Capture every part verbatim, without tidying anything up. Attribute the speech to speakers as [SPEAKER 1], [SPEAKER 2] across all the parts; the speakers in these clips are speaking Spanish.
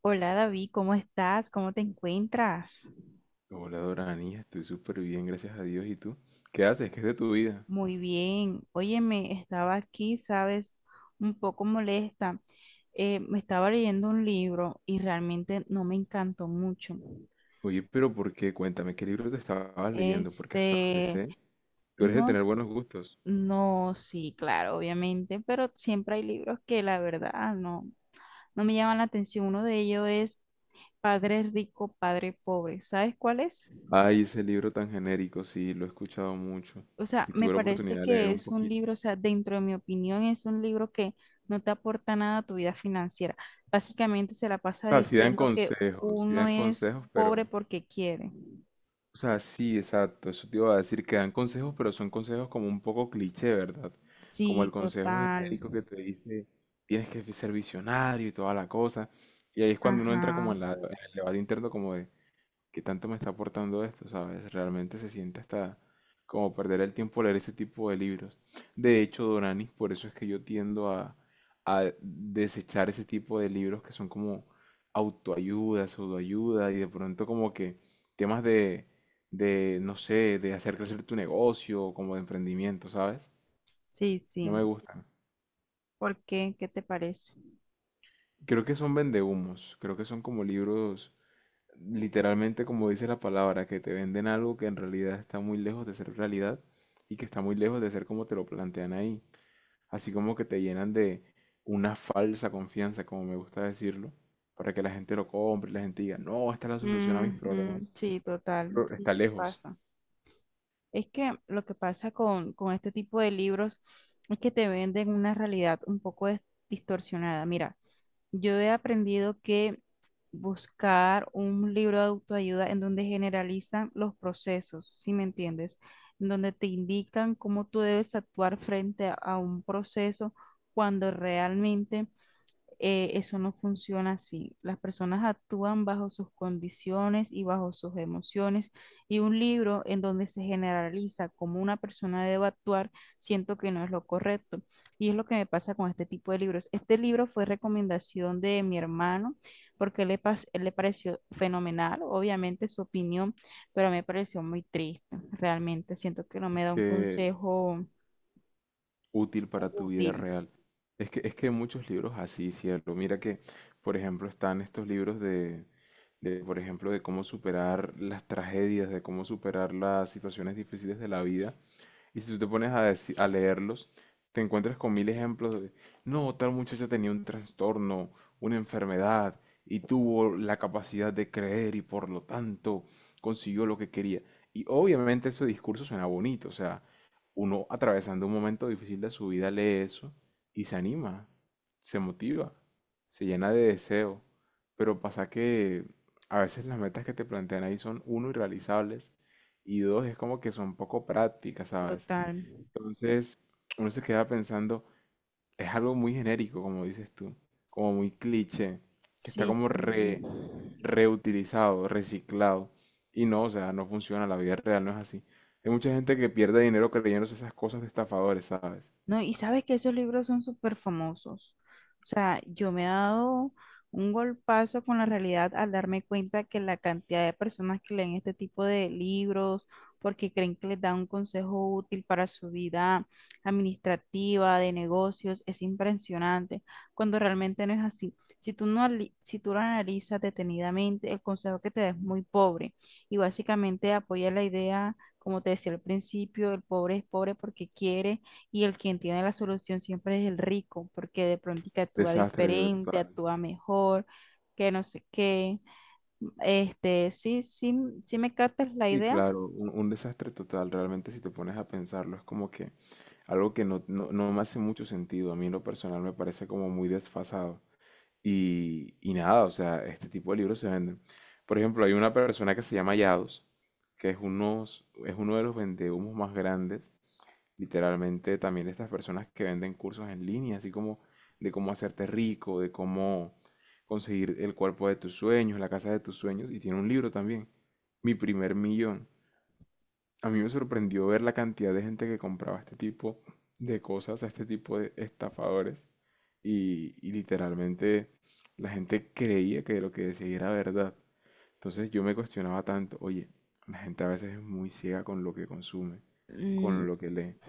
[SPEAKER 1] Hola David, ¿cómo estás? ¿Cómo te encuentras?
[SPEAKER 2] Hola Doranis, estoy súper bien, gracias a Dios. ¿Y tú? ¿Qué haces? ¿Qué es de tu vida?
[SPEAKER 1] Muy bien. Óyeme, estaba aquí, sabes, un poco molesta. Eh, me estaba leyendo un libro y realmente no me encantó mucho.
[SPEAKER 2] Oye, pero ¿por qué? Cuéntame, ¿qué libro te estabas leyendo? Porque hasta donde
[SPEAKER 1] Este,
[SPEAKER 2] sé, tú eres de
[SPEAKER 1] no,
[SPEAKER 2] tener
[SPEAKER 1] s-
[SPEAKER 2] buenos gustos.
[SPEAKER 1] no, sí, claro, obviamente, pero siempre hay libros que la verdad ah, no, no me llaman la atención. Uno de ellos es Padre Rico, Padre Pobre. ¿Sabes cuál es?
[SPEAKER 2] Ay, ese libro tan genérico, sí, lo he escuchado mucho
[SPEAKER 1] O sea,
[SPEAKER 2] y
[SPEAKER 1] me
[SPEAKER 2] tuve la
[SPEAKER 1] parece
[SPEAKER 2] oportunidad de leer
[SPEAKER 1] que
[SPEAKER 2] un
[SPEAKER 1] es un
[SPEAKER 2] poquito.
[SPEAKER 1] libro, o sea, dentro de mi opinión, es un libro que no te aporta nada a tu vida financiera. Básicamente se la
[SPEAKER 2] O
[SPEAKER 1] pasa
[SPEAKER 2] sea, sí dan
[SPEAKER 1] diciendo que
[SPEAKER 2] consejos, sí dan
[SPEAKER 1] uno es
[SPEAKER 2] consejos,
[SPEAKER 1] pobre
[SPEAKER 2] pero
[SPEAKER 1] porque quiere.
[SPEAKER 2] o sea, sí, exacto, eso te iba a decir, que dan consejos, pero son consejos como un poco cliché, ¿verdad? Como el
[SPEAKER 1] Sí,
[SPEAKER 2] consejo
[SPEAKER 1] total.
[SPEAKER 2] genérico que te dice, tienes que ser visionario y toda la cosa. Y ahí es cuando uno entra
[SPEAKER 1] Ajá.
[SPEAKER 2] como en la, en el debate interno como de, ¿qué tanto me está aportando esto? ¿Sabes? Realmente se siente hasta como perder el tiempo leer ese tipo de libros. De hecho, Doranis, por eso es que yo tiendo a, a desechar ese tipo de libros que son como autoayuda, pseudoayuda y de pronto como que temas de, de, no sé, de hacer crecer tu negocio, como de emprendimiento, ¿sabes?
[SPEAKER 1] Sí,
[SPEAKER 2] No me
[SPEAKER 1] sí.
[SPEAKER 2] gustan.
[SPEAKER 1] ¿Por qué? ¿Qué te parece?
[SPEAKER 2] Creo que son vendehumos, creo que son como libros literalmente como dice la palabra, que te venden algo que en realidad está muy lejos de ser realidad y que está muy lejos de ser como te lo plantean ahí. Así como que te llenan de una falsa confianza, como me gusta decirlo, para que la gente lo compre, y la gente diga, no, esta es la solución a mis
[SPEAKER 1] Ujú,
[SPEAKER 2] problemas,
[SPEAKER 1] sí, total.
[SPEAKER 2] pero
[SPEAKER 1] Sí,
[SPEAKER 2] está
[SPEAKER 1] sí
[SPEAKER 2] lejos.
[SPEAKER 1] pasa. Es que lo que pasa con, con este tipo de libros es que te venden una realidad un poco dis- distorsionada. Mira, yo he aprendido que buscar un libro de autoayuda en donde generalizan los procesos, ¿si me entiendes? En donde te indican cómo tú debes actuar frente a, a un proceso cuando realmente eh, eso no funciona así. Las personas actúan bajo sus condiciones y bajo sus emociones y un libro en donde se generaliza cómo una persona debe actuar, siento que no es lo correcto. Y es lo que me pasa con este tipo de libros. Este libro fue recomendación de mi hermano porque le, pas- le pareció fenomenal, obviamente su opinión, pero me pareció muy triste. Realmente siento que no me da un
[SPEAKER 2] Que
[SPEAKER 1] consejo
[SPEAKER 2] útil para tu vida
[SPEAKER 1] útil.
[SPEAKER 2] real. Es que, es que hay muchos libros así, ¿cierto? Mira que, por ejemplo, están estos libros de, de, por ejemplo, de cómo superar las tragedias, de cómo superar las situaciones difíciles de la vida. Y si tú te pones a, deci- a leerlos, te encuentras con mil ejemplos de, no, tal muchacha tenía un trastorno, una enfermedad, y tuvo la capacidad de creer y por lo tanto consiguió lo que quería. Y obviamente ese discurso suena bonito, o sea, uno atravesando un momento difícil de su vida lee eso y se anima, se motiva, se llena de deseo. Pero pasa que a veces las metas que te plantean ahí son, uno, irrealizables, y dos, es como que son poco prácticas, ¿sabes?
[SPEAKER 1] Total.
[SPEAKER 2] Entonces, uno se queda pensando, es algo muy genérico, como dices tú, como muy cliché, que está
[SPEAKER 1] Sí,
[SPEAKER 2] como
[SPEAKER 1] sí.
[SPEAKER 2] re- reutilizado, reciclado. Y no, o sea, no funciona, la vida real no es así. Hay mucha gente que pierde dinero creyéndose esas cosas de estafadores, ¿sabes?
[SPEAKER 1] No, y sabes que esos libros son súper famosos. O sea, yo me he dado un golpazo con la realidad al darme cuenta que la cantidad de personas que leen este tipo de libros porque creen que les da un consejo útil para su vida administrativa, de negocios, es impresionante, cuando realmente no es así. Si tú no, ali- si tú lo analizas detenidamente, el consejo que te da es muy pobre y básicamente apoya la idea, como te decía al principio, el pobre es pobre porque quiere y el quien tiene la solución siempre es el rico, porque de pronto que actúa
[SPEAKER 2] Desastre
[SPEAKER 1] diferente,
[SPEAKER 2] total.
[SPEAKER 1] actúa mejor, que no sé qué. Este, sí, sí, sí me captas la
[SPEAKER 2] Sí,
[SPEAKER 1] idea.
[SPEAKER 2] claro, un, un desastre total, realmente si te pones a pensarlo, es como que algo que no, no, no me hace mucho sentido, a mí en lo personal me parece como muy desfasado. Y, y nada, o sea, este tipo de libros se venden. Por ejemplo, hay una persona que se llama Yados, que es, unos, es uno de los vendehumos más grandes, literalmente también de estas personas que venden cursos en línea, así como de cómo hacerte rico, de cómo conseguir el cuerpo de tus sueños, la casa de tus sueños, y tiene un libro también, Mi primer millón. A mí me sorprendió ver la cantidad de gente que compraba este tipo de cosas, a este tipo de estafadores. Y, y literalmente la gente creía que lo que decía era verdad. Entonces yo me cuestionaba tanto, oye, la gente a veces es muy ciega con lo que consume,
[SPEAKER 1] Mm,
[SPEAKER 2] con lo que lee.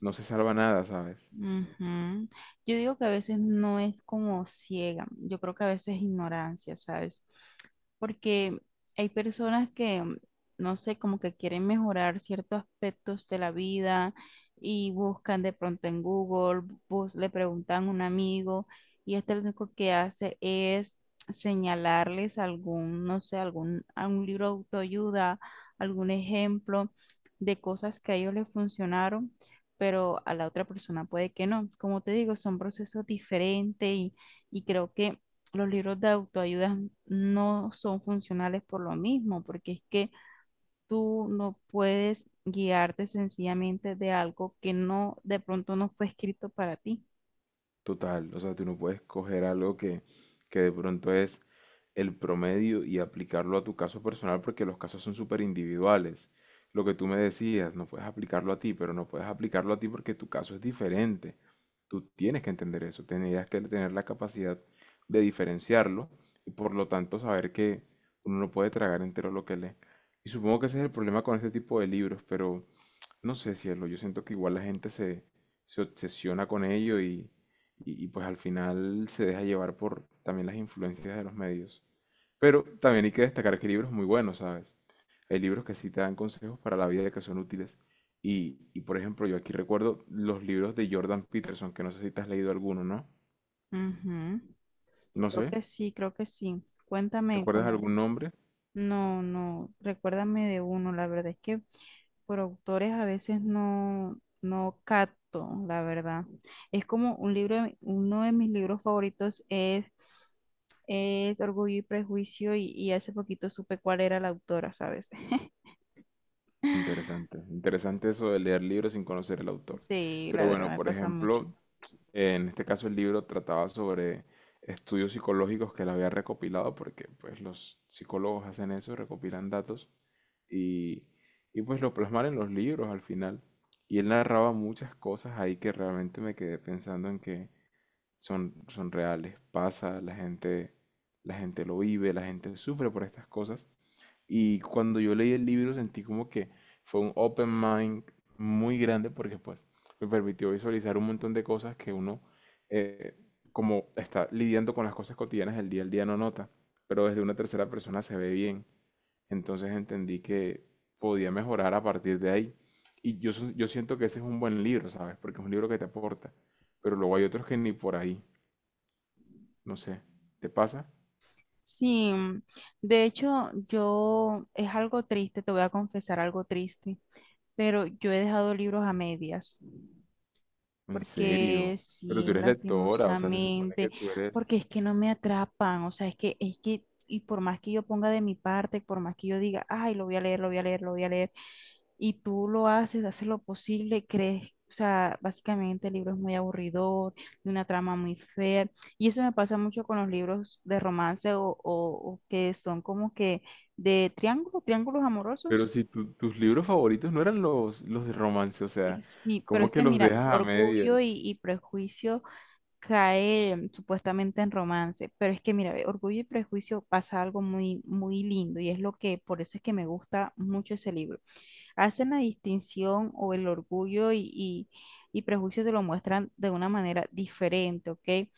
[SPEAKER 2] No se salva nada, ¿sabes?
[SPEAKER 1] ujú. Yo digo que a veces no es como ciega, yo creo que a veces es ignorancia, ¿sabes? Porque hay personas que, mm, no sé, como que quieren mejorar ciertos aspectos de la vida y buscan de pronto en Google, bus- le preguntan a un amigo y este lo único que hace es señalarles algún, no sé, algún, algún libro de autoayuda, algún ejemplo de cosas que a ellos les funcionaron pero a la otra persona puede que no. Como te digo, son procesos diferentes y, y creo que los libros de autoayuda no son funcionales por lo mismo, porque es que tú no puedes guiarte sencillamente de algo que no, de pronto no fue escrito para ti.
[SPEAKER 2] Total, o sea, tú no puedes coger algo que, que de pronto es el promedio y aplicarlo a tu caso personal porque los casos son súper individuales. Lo que tú me decías, no puedes aplicarlo a ti, pero no puedes aplicarlo a ti porque tu caso es diferente. Tú tienes que entender eso, tendrías que tener la capacidad de diferenciarlo y por lo tanto saber que uno no puede tragar entero lo que lee. Y supongo que ese es el problema con este tipo de libros, pero no sé, cielo, yo siento que igual la gente se, se obsesiona con ello y y, y, pues al final se deja llevar por también las influencias de los medios. Pero también hay que destacar que hay libros muy buenos, ¿sabes? Hay libros que sí te dan consejos para la vida que son útiles. Y, y por ejemplo, yo aquí recuerdo los libros de Jordan Peterson, que no sé si te has leído alguno, ¿no?
[SPEAKER 1] Ujú.
[SPEAKER 2] No
[SPEAKER 1] Creo
[SPEAKER 2] sé,
[SPEAKER 1] que sí, creo que sí. Cuéntame
[SPEAKER 2] ¿recuerdas
[SPEAKER 1] cómo.
[SPEAKER 2] algún nombre?
[SPEAKER 1] No, no, recuérdame de uno, la verdad es que por autores a veces no, no capto, la verdad. Es como un libro, de mi- uno de mis libros favoritos es, es Orgullo y Prejuicio y, y hace poquito supe cuál era la autora, ¿sabes?
[SPEAKER 2] Interesante, interesante eso de leer libros sin conocer el autor.
[SPEAKER 1] Sí, la
[SPEAKER 2] Pero
[SPEAKER 1] verdad
[SPEAKER 2] bueno,
[SPEAKER 1] me
[SPEAKER 2] por
[SPEAKER 1] pasa mucho.
[SPEAKER 2] ejemplo, en este caso el libro trataba sobre estudios psicológicos que él había recopilado, porque pues los psicólogos hacen eso, recopilan datos y, y pues lo plasman en los libros al final. Y él narraba muchas cosas ahí que realmente me quedé pensando en que son, son reales, pasa, la gente, la gente lo vive, la gente sufre por estas cosas y cuando yo leí el libro sentí como que fue un open mind muy grande porque pues me permitió visualizar un montón de cosas que uno eh, como está lidiando con las cosas cotidianas del día al día no nota, pero desde una tercera persona se ve bien. Entonces entendí que podía mejorar a partir de ahí. Y yo, so- yo siento que ese es un buen libro, ¿sabes? Porque es un libro que te aporta. Pero luego hay otros que ni por ahí. No sé. ¿Te pasa?
[SPEAKER 1] Sí, de hecho yo es algo triste, te voy a confesar algo triste, pero yo he dejado libros a medias.
[SPEAKER 2] En
[SPEAKER 1] Porque
[SPEAKER 2] serio. Pero tú
[SPEAKER 1] sí,
[SPEAKER 2] eres lectora, o sea, se supone que
[SPEAKER 1] lastimosamente,
[SPEAKER 2] tú eres...
[SPEAKER 1] porque es que no me atrapan, o sea, es que, es que, y por más que yo ponga de mi parte, por más que yo diga, ay, lo voy a leer, lo voy a leer, lo voy a leer, y tú lo haces, haces lo posible, crees, o sea, básicamente el libro es muy aburridor, de una trama muy fea, y eso me pasa mucho con los libros de romance o, o, o que son como que de triángulos, triángulos
[SPEAKER 2] Pero
[SPEAKER 1] amorosos.
[SPEAKER 2] si tu- tus libros favoritos no eran los, los de romance, o
[SPEAKER 1] eh,
[SPEAKER 2] sea,
[SPEAKER 1] Sí, pero
[SPEAKER 2] ¿cómo
[SPEAKER 1] es
[SPEAKER 2] que
[SPEAKER 1] que
[SPEAKER 2] los
[SPEAKER 1] mira,
[SPEAKER 2] dejas a
[SPEAKER 1] Orgullo y,
[SPEAKER 2] medias?
[SPEAKER 1] y Prejuicio cae em, supuestamente en romance, pero es que mira, ve, Orgullo y Prejuicio pasa algo muy, muy lindo y es lo que, por eso es que me gusta mucho ese libro. Hacen la distinción o el orgullo y, y, y prejuicio te lo muestran de una manera diferente, ¿ok?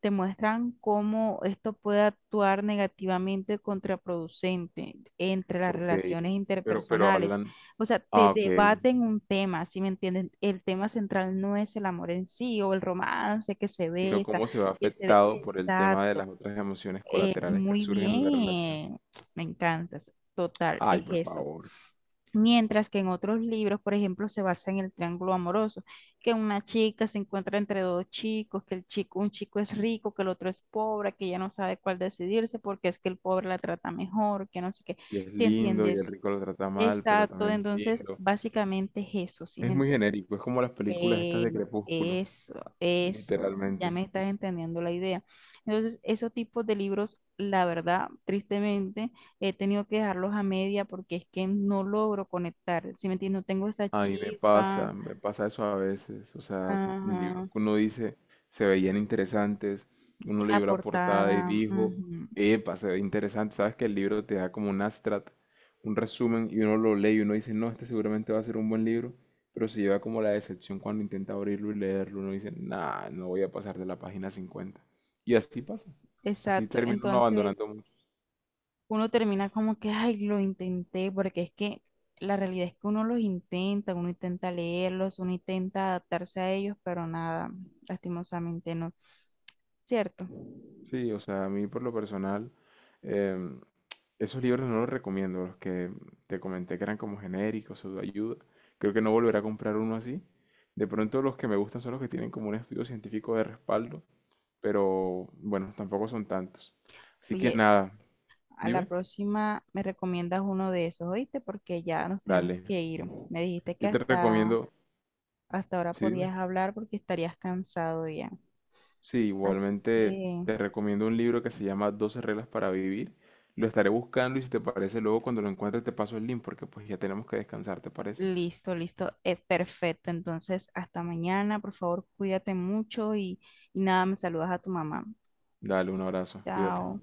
[SPEAKER 1] Te muestran cómo esto puede actuar negativamente contraproducente entre las
[SPEAKER 2] Ok,
[SPEAKER 1] relaciones
[SPEAKER 2] pero, pero
[SPEAKER 1] interpersonales.
[SPEAKER 2] hablan,
[SPEAKER 1] O sea, te
[SPEAKER 2] ah, ok,
[SPEAKER 1] debaten un tema, ¿sí me entienden? El tema central no es el amor en sí o el romance que se
[SPEAKER 2] sino
[SPEAKER 1] besa,
[SPEAKER 2] cómo se ve
[SPEAKER 1] que se...
[SPEAKER 2] afectado por el tema de
[SPEAKER 1] Exacto.
[SPEAKER 2] las otras emociones
[SPEAKER 1] Eh,
[SPEAKER 2] colaterales que
[SPEAKER 1] muy
[SPEAKER 2] surgen en la relación.
[SPEAKER 1] bien, me encantas. Total, es
[SPEAKER 2] Ay, por
[SPEAKER 1] eso.
[SPEAKER 2] favor.
[SPEAKER 1] Mientras que en otros libros, por ejemplo, se basa en el triángulo amoroso, que una chica se encuentra entre dos chicos, que el chico, un chico es rico, que el otro es pobre, que ella no sabe cuál decidirse porque es que el pobre la trata mejor, que no sé qué.
[SPEAKER 2] Y es
[SPEAKER 1] ¿Sí
[SPEAKER 2] lindo, y el
[SPEAKER 1] entiendes?
[SPEAKER 2] rico lo trata mal, pero
[SPEAKER 1] Exacto,
[SPEAKER 2] también es
[SPEAKER 1] entonces
[SPEAKER 2] lindo.
[SPEAKER 1] básicamente es eso, ¿sí me
[SPEAKER 2] Es muy
[SPEAKER 1] entiendes?
[SPEAKER 2] genérico, es como las películas estas
[SPEAKER 1] Eh,
[SPEAKER 2] de Crepúsculo,
[SPEAKER 1] Eso, eso, ya
[SPEAKER 2] literalmente.
[SPEAKER 1] me estás entendiendo la idea. Entonces, esos tipos de libros, la verdad, tristemente, he tenido que dejarlos a media porque es que no logro conectar, ¿si me entiendes? No tengo esa
[SPEAKER 2] A mí me
[SPEAKER 1] chispa,
[SPEAKER 2] pasa, me pasa eso a veces, o sea, libros
[SPEAKER 1] ajá,
[SPEAKER 2] que uno dice se veían interesantes, uno
[SPEAKER 1] la
[SPEAKER 2] leyó la portada y
[SPEAKER 1] portada,
[SPEAKER 2] dijo,
[SPEAKER 1] ujú,
[SPEAKER 2] epa, se ve interesante, sabes que el libro te da como un abstract, un resumen y uno lo lee y uno dice, no, este seguramente va a ser un buen libro, pero se lleva como la decepción cuando intenta abrirlo y leerlo, uno dice, nah, no voy a pasar de la página cincuenta. Y así pasa, así
[SPEAKER 1] exacto.
[SPEAKER 2] termina uno abandonando
[SPEAKER 1] Entonces,
[SPEAKER 2] mucho.
[SPEAKER 1] uno termina como que, ay, lo intenté, porque es que la realidad es que uno los intenta, uno intenta leerlos, uno intenta adaptarse a ellos, pero nada, lastimosamente no. ¿Cierto?
[SPEAKER 2] Sí, o sea, a mí por lo personal... em, esos libros no los recomiendo, los que te comenté que eran como genéricos, o de ayuda, creo que no volveré a comprar uno así. De pronto los que me gustan son los que tienen como un estudio científico de respaldo, pero bueno, tampoco son tantos. Así que
[SPEAKER 1] Oye,
[SPEAKER 2] nada,
[SPEAKER 1] a la
[SPEAKER 2] dime,
[SPEAKER 1] próxima me recomiendas uno de esos, ¿oíste? Porque ya nos tenemos
[SPEAKER 2] dale.
[SPEAKER 1] que ir. Me dijiste que
[SPEAKER 2] Yo te
[SPEAKER 1] hasta,
[SPEAKER 2] recomiendo,
[SPEAKER 1] hasta ahora
[SPEAKER 2] sí, dime.
[SPEAKER 1] podías hablar porque estarías cansado ya.
[SPEAKER 2] Sí,
[SPEAKER 1] Así
[SPEAKER 2] igualmente
[SPEAKER 1] que
[SPEAKER 2] te recomiendo un libro que se llama Doce reglas para vivir. Lo estaré buscando y si te parece, luego cuando lo encuentres te paso el link porque pues ya tenemos que descansar, ¿te parece?
[SPEAKER 1] listo, listo, es perfecto. Entonces, hasta mañana, por favor, cuídate mucho y, y nada, me saludas a tu mamá.
[SPEAKER 2] Dale, un abrazo, cuídate.
[SPEAKER 1] Chao.